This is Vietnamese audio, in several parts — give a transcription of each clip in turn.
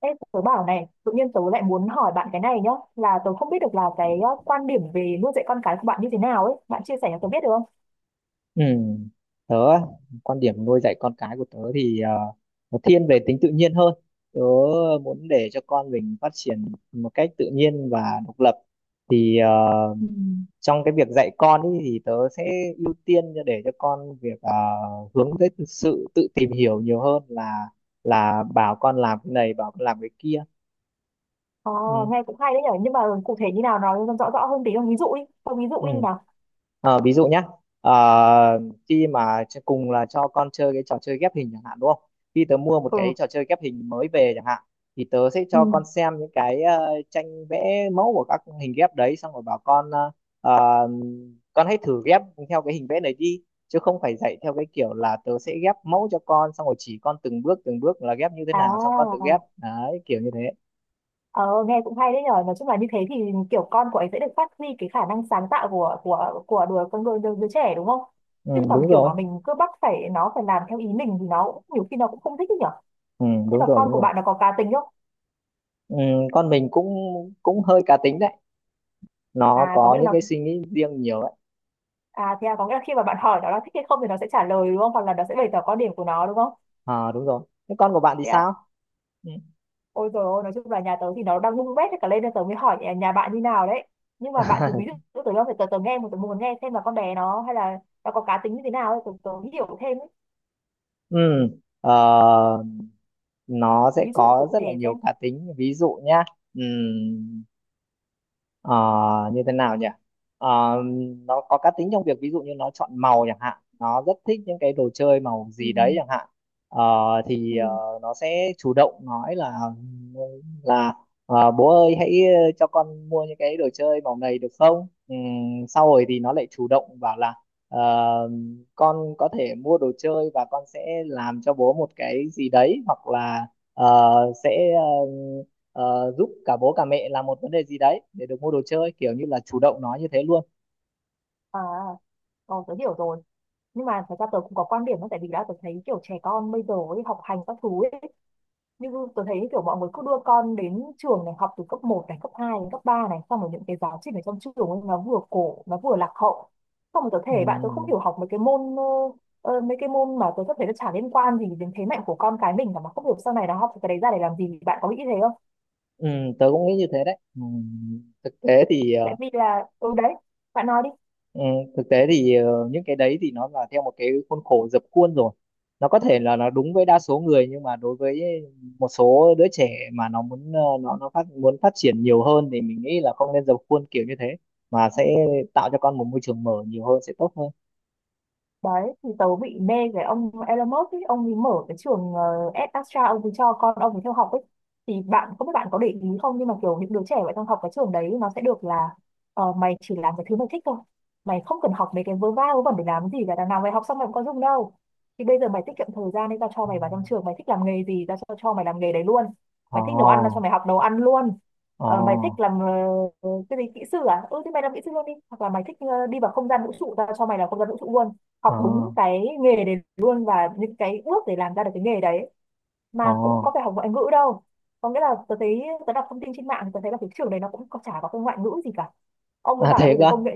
Ê, tớ bảo này, tự nhiên tớ lại muốn hỏi bạn cái này nhá, là tớ không biết được là cái quan điểm về nuôi dạy con cái của bạn như thế nào ấy, bạn chia sẻ cho tớ biết được không? Ừ. Tớ á, quan điểm nuôi dạy con cái của tớ thì nó thiên về tính tự nhiên hơn. Tớ muốn để cho con mình phát triển một cách tự nhiên và độc lập. Thì Ừ. trong cái việc dạy con ý, thì tớ sẽ ưu tiên để cho con việc hướng tới sự tự tìm hiểu nhiều hơn là bảo con làm cái này, bảo con làm cái kia. Ờ, Ừ. nghe cũng hay đấy nhở, nhưng mà cụ thể như nào nói rõ rõ hơn tí không? Ví dụ đi, không ví Ừ. dụ đi nào. Ví dụ nhé, ờ, khi mà cùng là cho con chơi cái trò chơi ghép hình chẳng hạn, đúng không? Khi tớ mua một Ừ, cái trò chơi ghép hình mới về chẳng hạn, thì tớ sẽ ừ, cho con xem những cái tranh vẽ mẫu của các hình ghép đấy, xong rồi bảo con, ờ, con hãy thử ghép theo cái hình vẽ này đi, chứ không phải dạy theo cái kiểu là tớ sẽ ghép mẫu cho con xong rồi chỉ con từng bước là ghép như thế nào xong con tự à, ghép đấy, kiểu như thế. ờ, nghe cũng hay đấy nhở, nói chung là như thế thì kiểu con của ấy sẽ được phát huy cái khả năng sáng tạo của đứa con đứa, đứa, đứa trẻ đúng không? Chứ Ừ, còn đúng kiểu rồi. mà mình cứ bắt phải nó phải làm theo ý mình thì nó cũng- nhiều khi nó cũng không thích đấy nhở. Ừ, Nhưng đúng mà rồi, con đúng của rồi. bạn nó có cá tính không? Ừ, con mình cũng cũng hơi cá tính đấy, nó À, có có nghĩa là những cái nó suy nghĩ riêng nhiều đấy. à thế à, có nghĩa là khi mà bạn hỏi nó là thích hay không thì nó sẽ trả lời đúng không? Hoặc là nó sẽ bày tỏ quan điểm của nó đúng không? À, đúng rồi. Thế con của bạn thì Thế á, sao? Ừ. ôi rồi ôi, nói chung là nhà tớ thì nó đang bung bét hết cả lên nên tớ mới hỏi nhà bạn như nào đấy. Nhưng mà bạn thử ví dụ tớ đâu phải tớ, tớ nghe một tớ muốn nghe xem là con bé nó hay là nó có cá tính như thế nào ấy, tớ hiểu thêm ấy. Ừ, ờ, nó sẽ Ví dụ có cụ rất thể là nhiều xem. cá tính, ví dụ nhá. Ờ, Như thế nào nhỉ? Ờ, nó có cá tính trong việc ví dụ như nó chọn màu chẳng hạn, nó rất thích những cái đồ chơi màu Ừ. gì đấy chẳng hạn. Ờ, thì Ừ. Nó sẽ chủ động nói là bố ơi hãy, cho con mua những cái đồ chơi màu này được không. Sau rồi thì nó lại chủ động bảo là ờ, con có thể mua đồ chơi và con sẽ làm cho bố một cái gì đấy, hoặc là, ờ, sẽ, giúp cả bố cả mẹ làm một vấn đề gì đấy để được mua đồ chơi, kiểu như là chủ động nói như thế luôn. À, tớ hiểu rồi. Nhưng mà thật ra tớ cũng có quan điểm đó, tại vì đã tớ thấy kiểu trẻ con bây giờ ấy, học hành các thứ ấy, như tôi thấy kiểu mọi người cứ đưa con đến trường này học từ cấp một này cấp 2 đến cấp 3 này, xong rồi những cái giáo trình ở trong trường ấy, nó vừa cổ nó vừa lạc hậu, xong rồi tôi thể bạn tôi không Ừ, hiểu học mấy cái môn mà tôi có thể nó chả liên quan gì đến thế mạnh của con cái mình cả, mà không hiểu sau này nó học cái đấy ra để làm gì, bạn có nghĩ thế không, ừ, tớ cũng nghĩ như thế đấy. Ừ, thực tế thì, tại vì là ừ đấy bạn nói đi. ừ, thực tế thì, những cái đấy thì nó là theo một cái khuôn khổ dập khuôn rồi, nó có thể là nó đúng với đa số người, nhưng mà đối với một số đứa trẻ mà nó muốn, nó muốn phát triển nhiều hơn, thì mình nghĩ là không nên dập khuôn kiểu như thế, mà sẽ tạo cho con một môi trường mở nhiều hơn sẽ tốt hơn. Đấy thì tớ bị mê cái ông Elon Musk ấy, ông ấy mở cái trường Astra, ông ấy cho con ông ấy theo học ấy, thì bạn không biết bạn có để ý không nhưng mà kiểu những đứa trẻ vậy trong học cái trường đấy nó sẽ được là mày chỉ làm cái thứ mày thích thôi, mày không cần học mấy cái vớ va vớ vẩn để làm gì cả, đằng nào mày học xong mày cũng có dùng đâu, thì bây giờ mày tiết kiệm thời gian nên tao cho mày vào trong trường mày thích làm nghề gì tao cho mày làm nghề đấy luôn. Mày thích nấu ăn tao cho Ồ, mày học nấu ăn luôn. ồ. Ờ, mày thích làm cái gì, kỹ sư à, ừ thì mày làm kỹ sư luôn đi, hoặc là mày thích đi vào không gian vũ trụ tao cho mày làm không gian vũ trụ luôn, học ờ đúng cái nghề đấy luôn và những cái bước để làm ra được cái nghề đấy, ờ mà cũng có phải học ngoại ngữ đâu. Có nghĩa là tớ thấy tớ đọc thông tin trên mạng thì tớ thấy là cái trường đấy nó cũng có- chả có cái ngoại ngữ gì cả, ông ấy À, bảo là thiệt bây giờ cơ? công nghệ,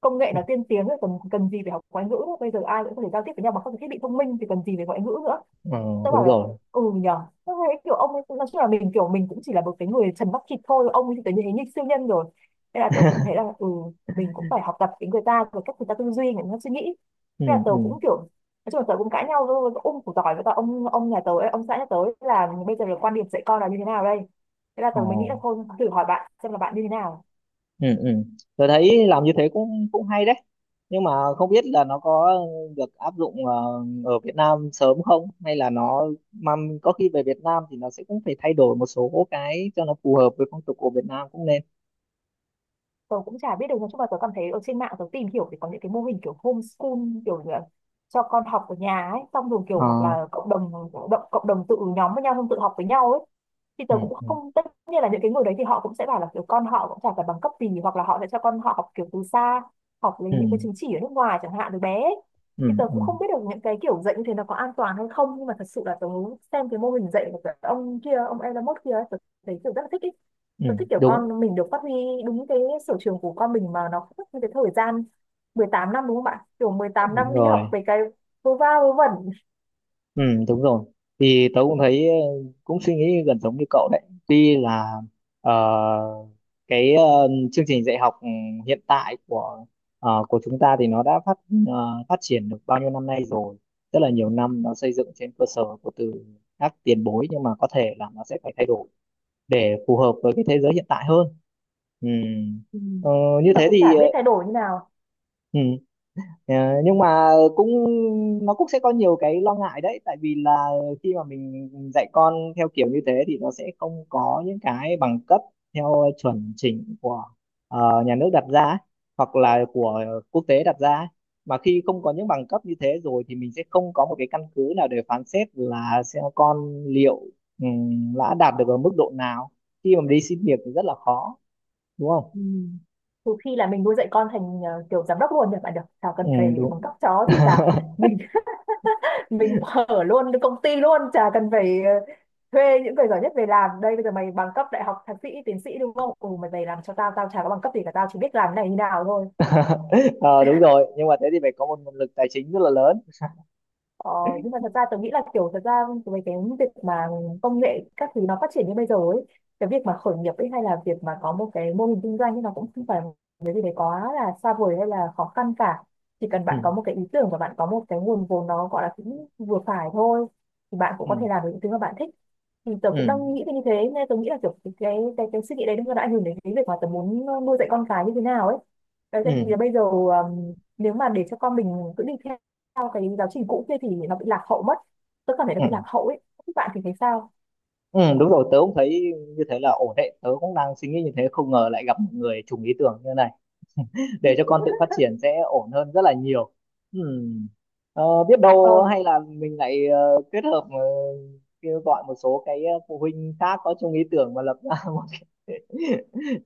công nghệ nó tiên tiến rồi cần cần gì phải học ngoại ngữ nữa, bây giờ ai cũng có thể giao tiếp với nhau bằng các cái thiết bị thông minh thì cần gì phải ngoại ngữ nữa. Ừ, Tớ bảo đúng là rồi. ừ nhờ, tớ thấy kiểu ông ấy nói chung là mình kiểu mình cũng chỉ là một cái người trần mắt thịt thôi, ông ấy thì tớ thấy như siêu nhân rồi, nên là tớ cũng thấy là ừ mình cũng phải học tập cái người ta về cách người ta tư duy người ta suy nghĩ. Ừ, Thế là tớ ừ, cũng kiểu nói chung là tớ cũng cãi nhau với ông của tỏi, với cả ông nhà tớ ấy, ông xã nhà tớ ấy, là bây giờ là quan điểm dạy con là như thế nào đây, thế là ờ tớ mới nghĩ là thôi thử hỏi bạn xem là bạn như thế nào. ừ, ừ, tôi thấy làm như thế cũng cũng hay đấy, nhưng mà không biết là nó có được áp dụng, ở Việt Nam sớm không, hay là nó, mà có khi về Việt Nam thì nó sẽ cũng phải thay đổi một số cái cho nó phù hợp với phong tục của Việt Nam cũng nên. Tớ cũng chả biết được, nói chung là tớ cảm thấy ở trên mạng tớ tìm hiểu thì có những cái mô hình kiểu homeschool, kiểu như là cho con học ở nhà ấy, xong rồi kiểu ờ hoặc là cộng đồng tự nhóm với nhau không, tự học với nhau ấy, thì ừ, tớ cũng ừ, không, tất nhiên là những cái người đấy thì họ cũng sẽ bảo là kiểu con họ cũng chả phải bằng cấp gì hoặc là họ sẽ cho con họ học kiểu từ xa, học lấy ừ, những cái chứng chỉ ở nước ngoài chẳng hạn từ bé ấy. ừ, Thì tớ ừ, cũng không biết được những cái kiểu dạy như thế nó có an toàn hay không, nhưng mà thật sự là tớ xem cái mô hình dạy của cái ông kia, ông Elon Musk kia ấy, tớ thấy kiểu rất là thích ý. ừ, Tớ thích kiểu đúng con mình được phát huy đúng cái sở trường của con mình mà nó không mất như cái thời gian 18 năm, đúng không bạn, kiểu mười tám đúng năm đi học rồi. về cái vô va vô vẩn. Ừ, đúng rồi. Thì tớ cũng thấy, cũng suy nghĩ gần giống như cậu đấy. Tuy là, ờ, cái, chương trình dạy học, hiện tại của chúng ta thì nó đã phát triển được bao nhiêu năm nay rồi, rất là nhiều năm, nó xây dựng trên cơ sở của từ các tiền bối, nhưng mà có thể là nó sẽ phải thay đổi để phù hợp với cái thế giới hiện tại hơn. Ừ. Ừ. Ờ, Như Nhưng mà thế cũng thì, chả biết thay đổi như nào. ừ. Ờ, nhưng mà cũng nó cũng sẽ có nhiều cái lo ngại đấy, tại vì là khi mà mình dạy con theo kiểu như thế thì nó sẽ không có những cái bằng cấp theo chuẩn chỉnh của, nhà nước đặt ra, hoặc là của quốc tế đặt ra, mà khi không có những bằng cấp như thế rồi thì mình sẽ không có một cái căn cứ nào để phán xét là xem con liệu, đã đạt được ở mức độ nào, khi mà đi xin việc thì rất là khó, đúng không? Ừ. Trừ khi là mình nuôi dạy con thành kiểu giám đốc luôn nhỉ bạn, được, chả cần Ừ, phải bằng đúng. cấp chó thì cả mình mình mở luôn cái công ty luôn, chả cần phải thuê những người giỏi nhất về làm, đây bây giờ mày bằng cấp đại học thạc sĩ tiến sĩ đúng không, ừ mày về làm cho tao, tao chả có bằng cấp gì cả, tao chỉ biết làm cái này như nào thôi. Ờ Đúng rồi, nhưng mà thế thì phải có một nguồn lực tài chính rất là lớn. Ờ, nhưng mà thật ra tôi nghĩ là kiểu thật ra về cái việc mà công nghệ các thứ nó phát triển như bây giờ ấy, cái việc mà khởi nghiệp ấy hay là việc mà có một cái mô hình kinh doanh ấy nó cũng không phải cái gì đấy quá là xa vời hay là khó khăn cả, chỉ cần Ừ, bạn có một cái ý tưởng và bạn có một cái nguồn vốn nó gọi là cũng vừa phải thôi thì bạn cũng ừ, có thể làm được những thứ mà bạn thích. Thì tớ ừ, cũng đang nghĩ về như thế, nên tớ nghĩ là kiểu cái suy nghĩ đấy nó đã ảnh hưởng đến cái việc mà tớ muốn nuôi dạy con cái như thế nào ấy, đấy tại vì là ừ, bây giờ nếu mà để cho con mình cứ đi theo theo cái giáo trình cũ kia thì nó bị lạc hậu mất, tôi cảm thấy nó ừ, bị lạc hậu ấy, các bạn thì thấy sao? ừ. Đúng rồi, tớ cũng thấy như thế là ổn đấy, tớ cũng đang suy nghĩ như thế, không ngờ lại gặp một người trùng ý tưởng như này. Để cho con tự phát triển sẽ ổn hơn rất là nhiều. Ừ. Biết đâu Ờ, hay là mình lại, kết hợp, kêu gọi một số cái, phụ huynh khác có chung ý tưởng mà lập ra một cái,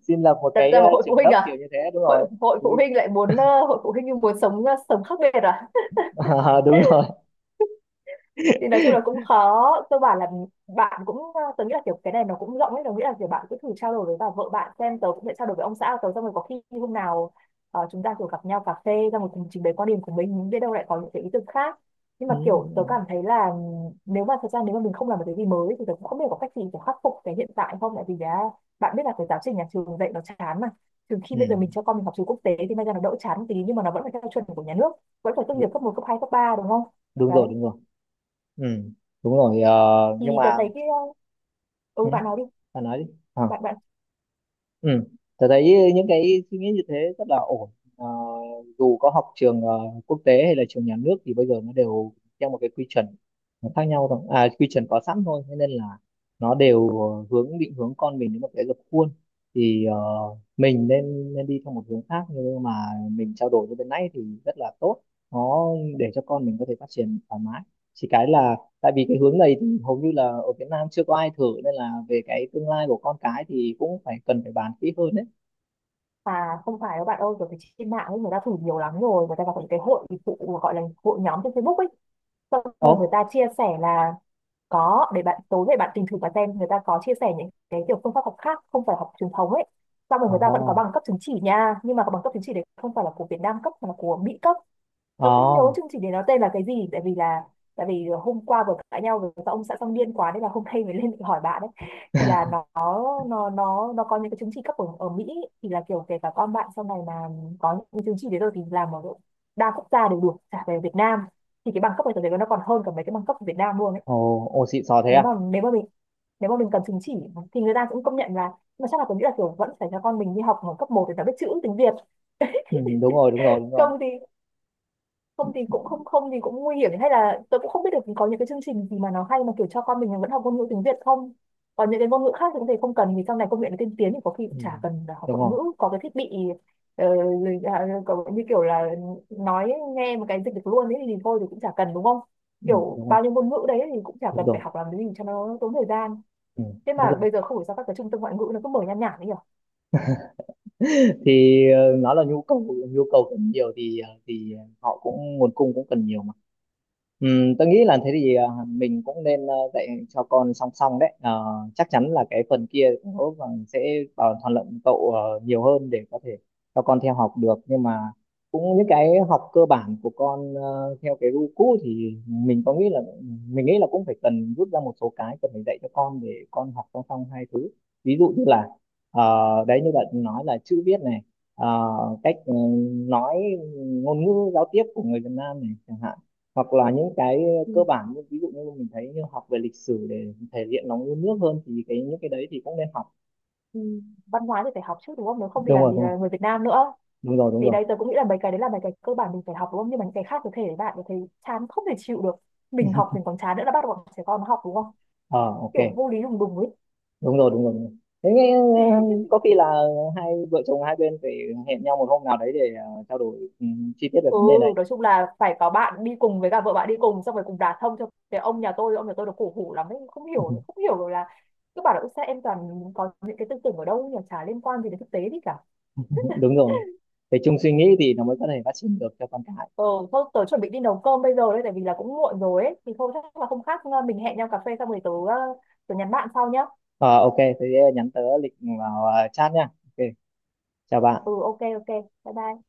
xin lập một đặt cái, ra một hội phụ trường huynh lớp kiểu à? như thế, đúng Hội rồi. hội phụ huynh lại muốn hội phụ huynh nhưng muốn sống sống khác biệt à? Đúng rồi. Thì nói chung là cũng khó, cơ bản là bạn cũng tớ nghĩ là kiểu cái này nó cũng rộng ấy, tớ nghĩ là kiểu bạn cứ thử trao đổi với bà vợ bạn xem, tớ cũng sẽ trao đổi với ông xã của tớ xong rồi có khi hôm nào chúng ta kiểu gặp nhau cà phê ra một cùng trình bày quan điểm của mình, biết đâu lại có những cái ý tưởng khác. Nhưng mà Ừ, kiểu đúng tớ rồi. cảm thấy là nếu mà thật ra nếu mà mình không làm một cái gì mới thì tớ cũng không biết có cách gì để khắc phục cái hiện tại không, tại vì đã bạn biết là cái giáo trình nhà trường dạy nó chán mà, từ khi Ừ, bây giờ mình cho con mình học trường quốc tế thì may ra nó đỡ chán một tí nhưng mà nó vẫn phải theo chuẩn của nhà nước, vẫn phải tốt nghiệp đú- cấp một cấp 2 cấp 3 đúng không. đúng Đấy rồi, đúng rồi. Ừ, đúng rồi, thì nhưng tớ mà, thấy cái, ừ ừ, bạn nói đi, bạn nói đi. Ờ, bạn bạn, ừ, tôi thấy những cái suy nghĩ như thế rất là ổn. Ờ, Dù có học trường, quốc tế hay là trường nhà nước, thì bây giờ nó đều theo một cái quy chuẩn, nó khác nhau thôi, à quy chuẩn có sẵn thôi, thế nên là nó đều, định hướng con mình đến một cái dập khuôn. Thì, mình nên nên đi theo một hướng khác, nhưng mà mình trao đổi như bên nãy thì rất là tốt, nó để cho con mình có thể phát triển thoải mái, chỉ cái là tại vì cái hướng này thì hầu như là ở Việt Nam chưa có ai thử, nên là về cái tương lai của con cái thì cũng phải cần phải bàn kỹ hơn đấy. à không phải đâu bạn ơi, kiểu cái trên mạng ấy người ta thử nhiều lắm rồi, người ta gặp những cái hội phụ gọi là hội nhóm trên Facebook ấy, xong Ồ, rồi người ta chia sẻ là có, để bạn tối về bạn tìm thử và xem người ta có chia sẻ những cái kiểu phương pháp học khác không phải học truyền thống ấy, xong rồi ồ, người ta vẫn có bằng cấp chứng chỉ nha, nhưng mà cái bằng cấp chứng chỉ đấy không phải là của Việt Nam cấp mà là của Mỹ cấp. Tớ không ồ, nhớ chương trình đấy nó tên là cái gì, tại vì là tại vì hôm qua vừa cãi nhau với các ông xã xong điên quá nên là hôm nay mới lên để hỏi bạn đấy, thì là nó có những cái chứng chỉ cấp ở Mỹ, thì là kiểu kể cả con bạn sau này mà có những cái chứng chỉ đấy rồi thì làm ở độ đa quốc gia đều được, cả về Việt Nam thì cái bằng cấp ở tớ thấy nó còn hơn cả mấy cái bằng cấp ở Việt Nam luôn ấy. ồ. Ồ, xịn sò thế Nếu à? mà mình cần chứng chỉ thì người ta cũng công nhận là, mà chắc là tôi nghĩ là kiểu vẫn phải cho con mình đi học ở cấp một để nó biết chữ tiếng Việt, Ừ, đúng rồi, đúng rồi, đúng rồi. không thì, không thì cũng không không thì cũng nguy hiểm, hay là tôi cũng không biết được có những cái chương trình gì mà nó hay mà kiểu cho con mình vẫn học ngôn ngữ tiếng Việt không, còn những cái ngôn ngữ khác thì có thể không cần vì sau này công nghệ nó tiên tiến thì có khi cũng chả Ừ, cần là học đúng ngoại ngữ, rồi. có cái thiết bị ờ, à, như kiểu là nói nghe một cái dịch được luôn ấy thì thôi thì cũng chả cần đúng không, Ừ, kiểu đúng rồi, bao nhiêu ngôn ngữ đấy thì cũng chả đúng cần phải rồi. học làm cái gì cho nó tốn thời gian. Ừ, Thế đúng mà rồi. bây giờ không hiểu sao các cái trung tâm ngoại ngữ nó cứ mở nhan nhản ấy nhỉ. Thì, nó là nhu cầu, nhu cầu cần nhiều thì thì họ cũng, nguồn cung cũng cần nhiều mà. Tôi nghĩ là thế thì, mình cũng nên, dạy cho con song song đấy. Ờ, Chắc chắn là cái phần kia cũng có phần sẽ bảo thuận lợi cậu, nhiều hơn để có thể cho con theo học được, nhưng mà cũng những cái học cơ bản của con, theo cái gu cũ thì mình nghĩ là cũng phải cần rút ra một số cái cần phải dạy cho con để con học song song hai thứ. Ví dụ như là, ờ, đấy như bạn nói là chữ viết này, ờ, cách, nói ngôn ngữ giao tiếp của người Việt Nam này chẳng hạn, hoặc là những cái, Ừ. cơ bản như ví dụ như mình thấy như học về lịch sử để thể hiện nó yêu nước hơn, thì cái những cái đấy thì cũng nên học. Ừ, văn hóa thì phải học chứ đúng không, nếu không thì Đúng làm rồi, gì đúng rồi. là người Việt Nam nữa. Đúng rồi, đúng Thì rồi. đấy tớ cũng nghĩ là mấy cái đấy là mấy cái cơ bản mình phải học đúng không, nhưng mà những cái khác có thể bạn có thấy chán không thể chịu được, mình học mình còn chán nữa là bắt bọn trẻ con nó học đúng không, Ờ ok, kiểu vô lý đùng đùng ấy. đúng rồi, đúng rồi, đúng rồi. Thế nghe, có khi là hai vợ chồng hai bên phải hẹn nhau một hôm nào đấy để, trao đổi, chi tiết về Ừ, vấn đề này. nói chung là phải có bạn đi cùng với cả vợ bạn đi cùng xong rồi cùng đả thông cho cái ông nhà tôi. Ông nhà tôi nó cổ hủ lắm ấy, không hiểu không hiểu rồi là cứ bảo là "Ôi sao em toàn có những cái tư tưởng ở đâu nhỉ chả liên quan gì đến thực tế gì cả". Đúng rồi, phải chung suy nghĩ thì nó mới có thể phát triển được cho con cái. Ừ thôi tớ chuẩn bị đi nấu cơm bây giờ đấy, tại vì là cũng muộn rồi ấy, thì thôi chắc là không khác mình hẹn nhau cà phê xong rồi tớ nhắn bạn sau nhá. Ờ ok, thế nhắn tớ lịch vào, chat nha. Ok, chào bạn. Ừ ok ok bye bye.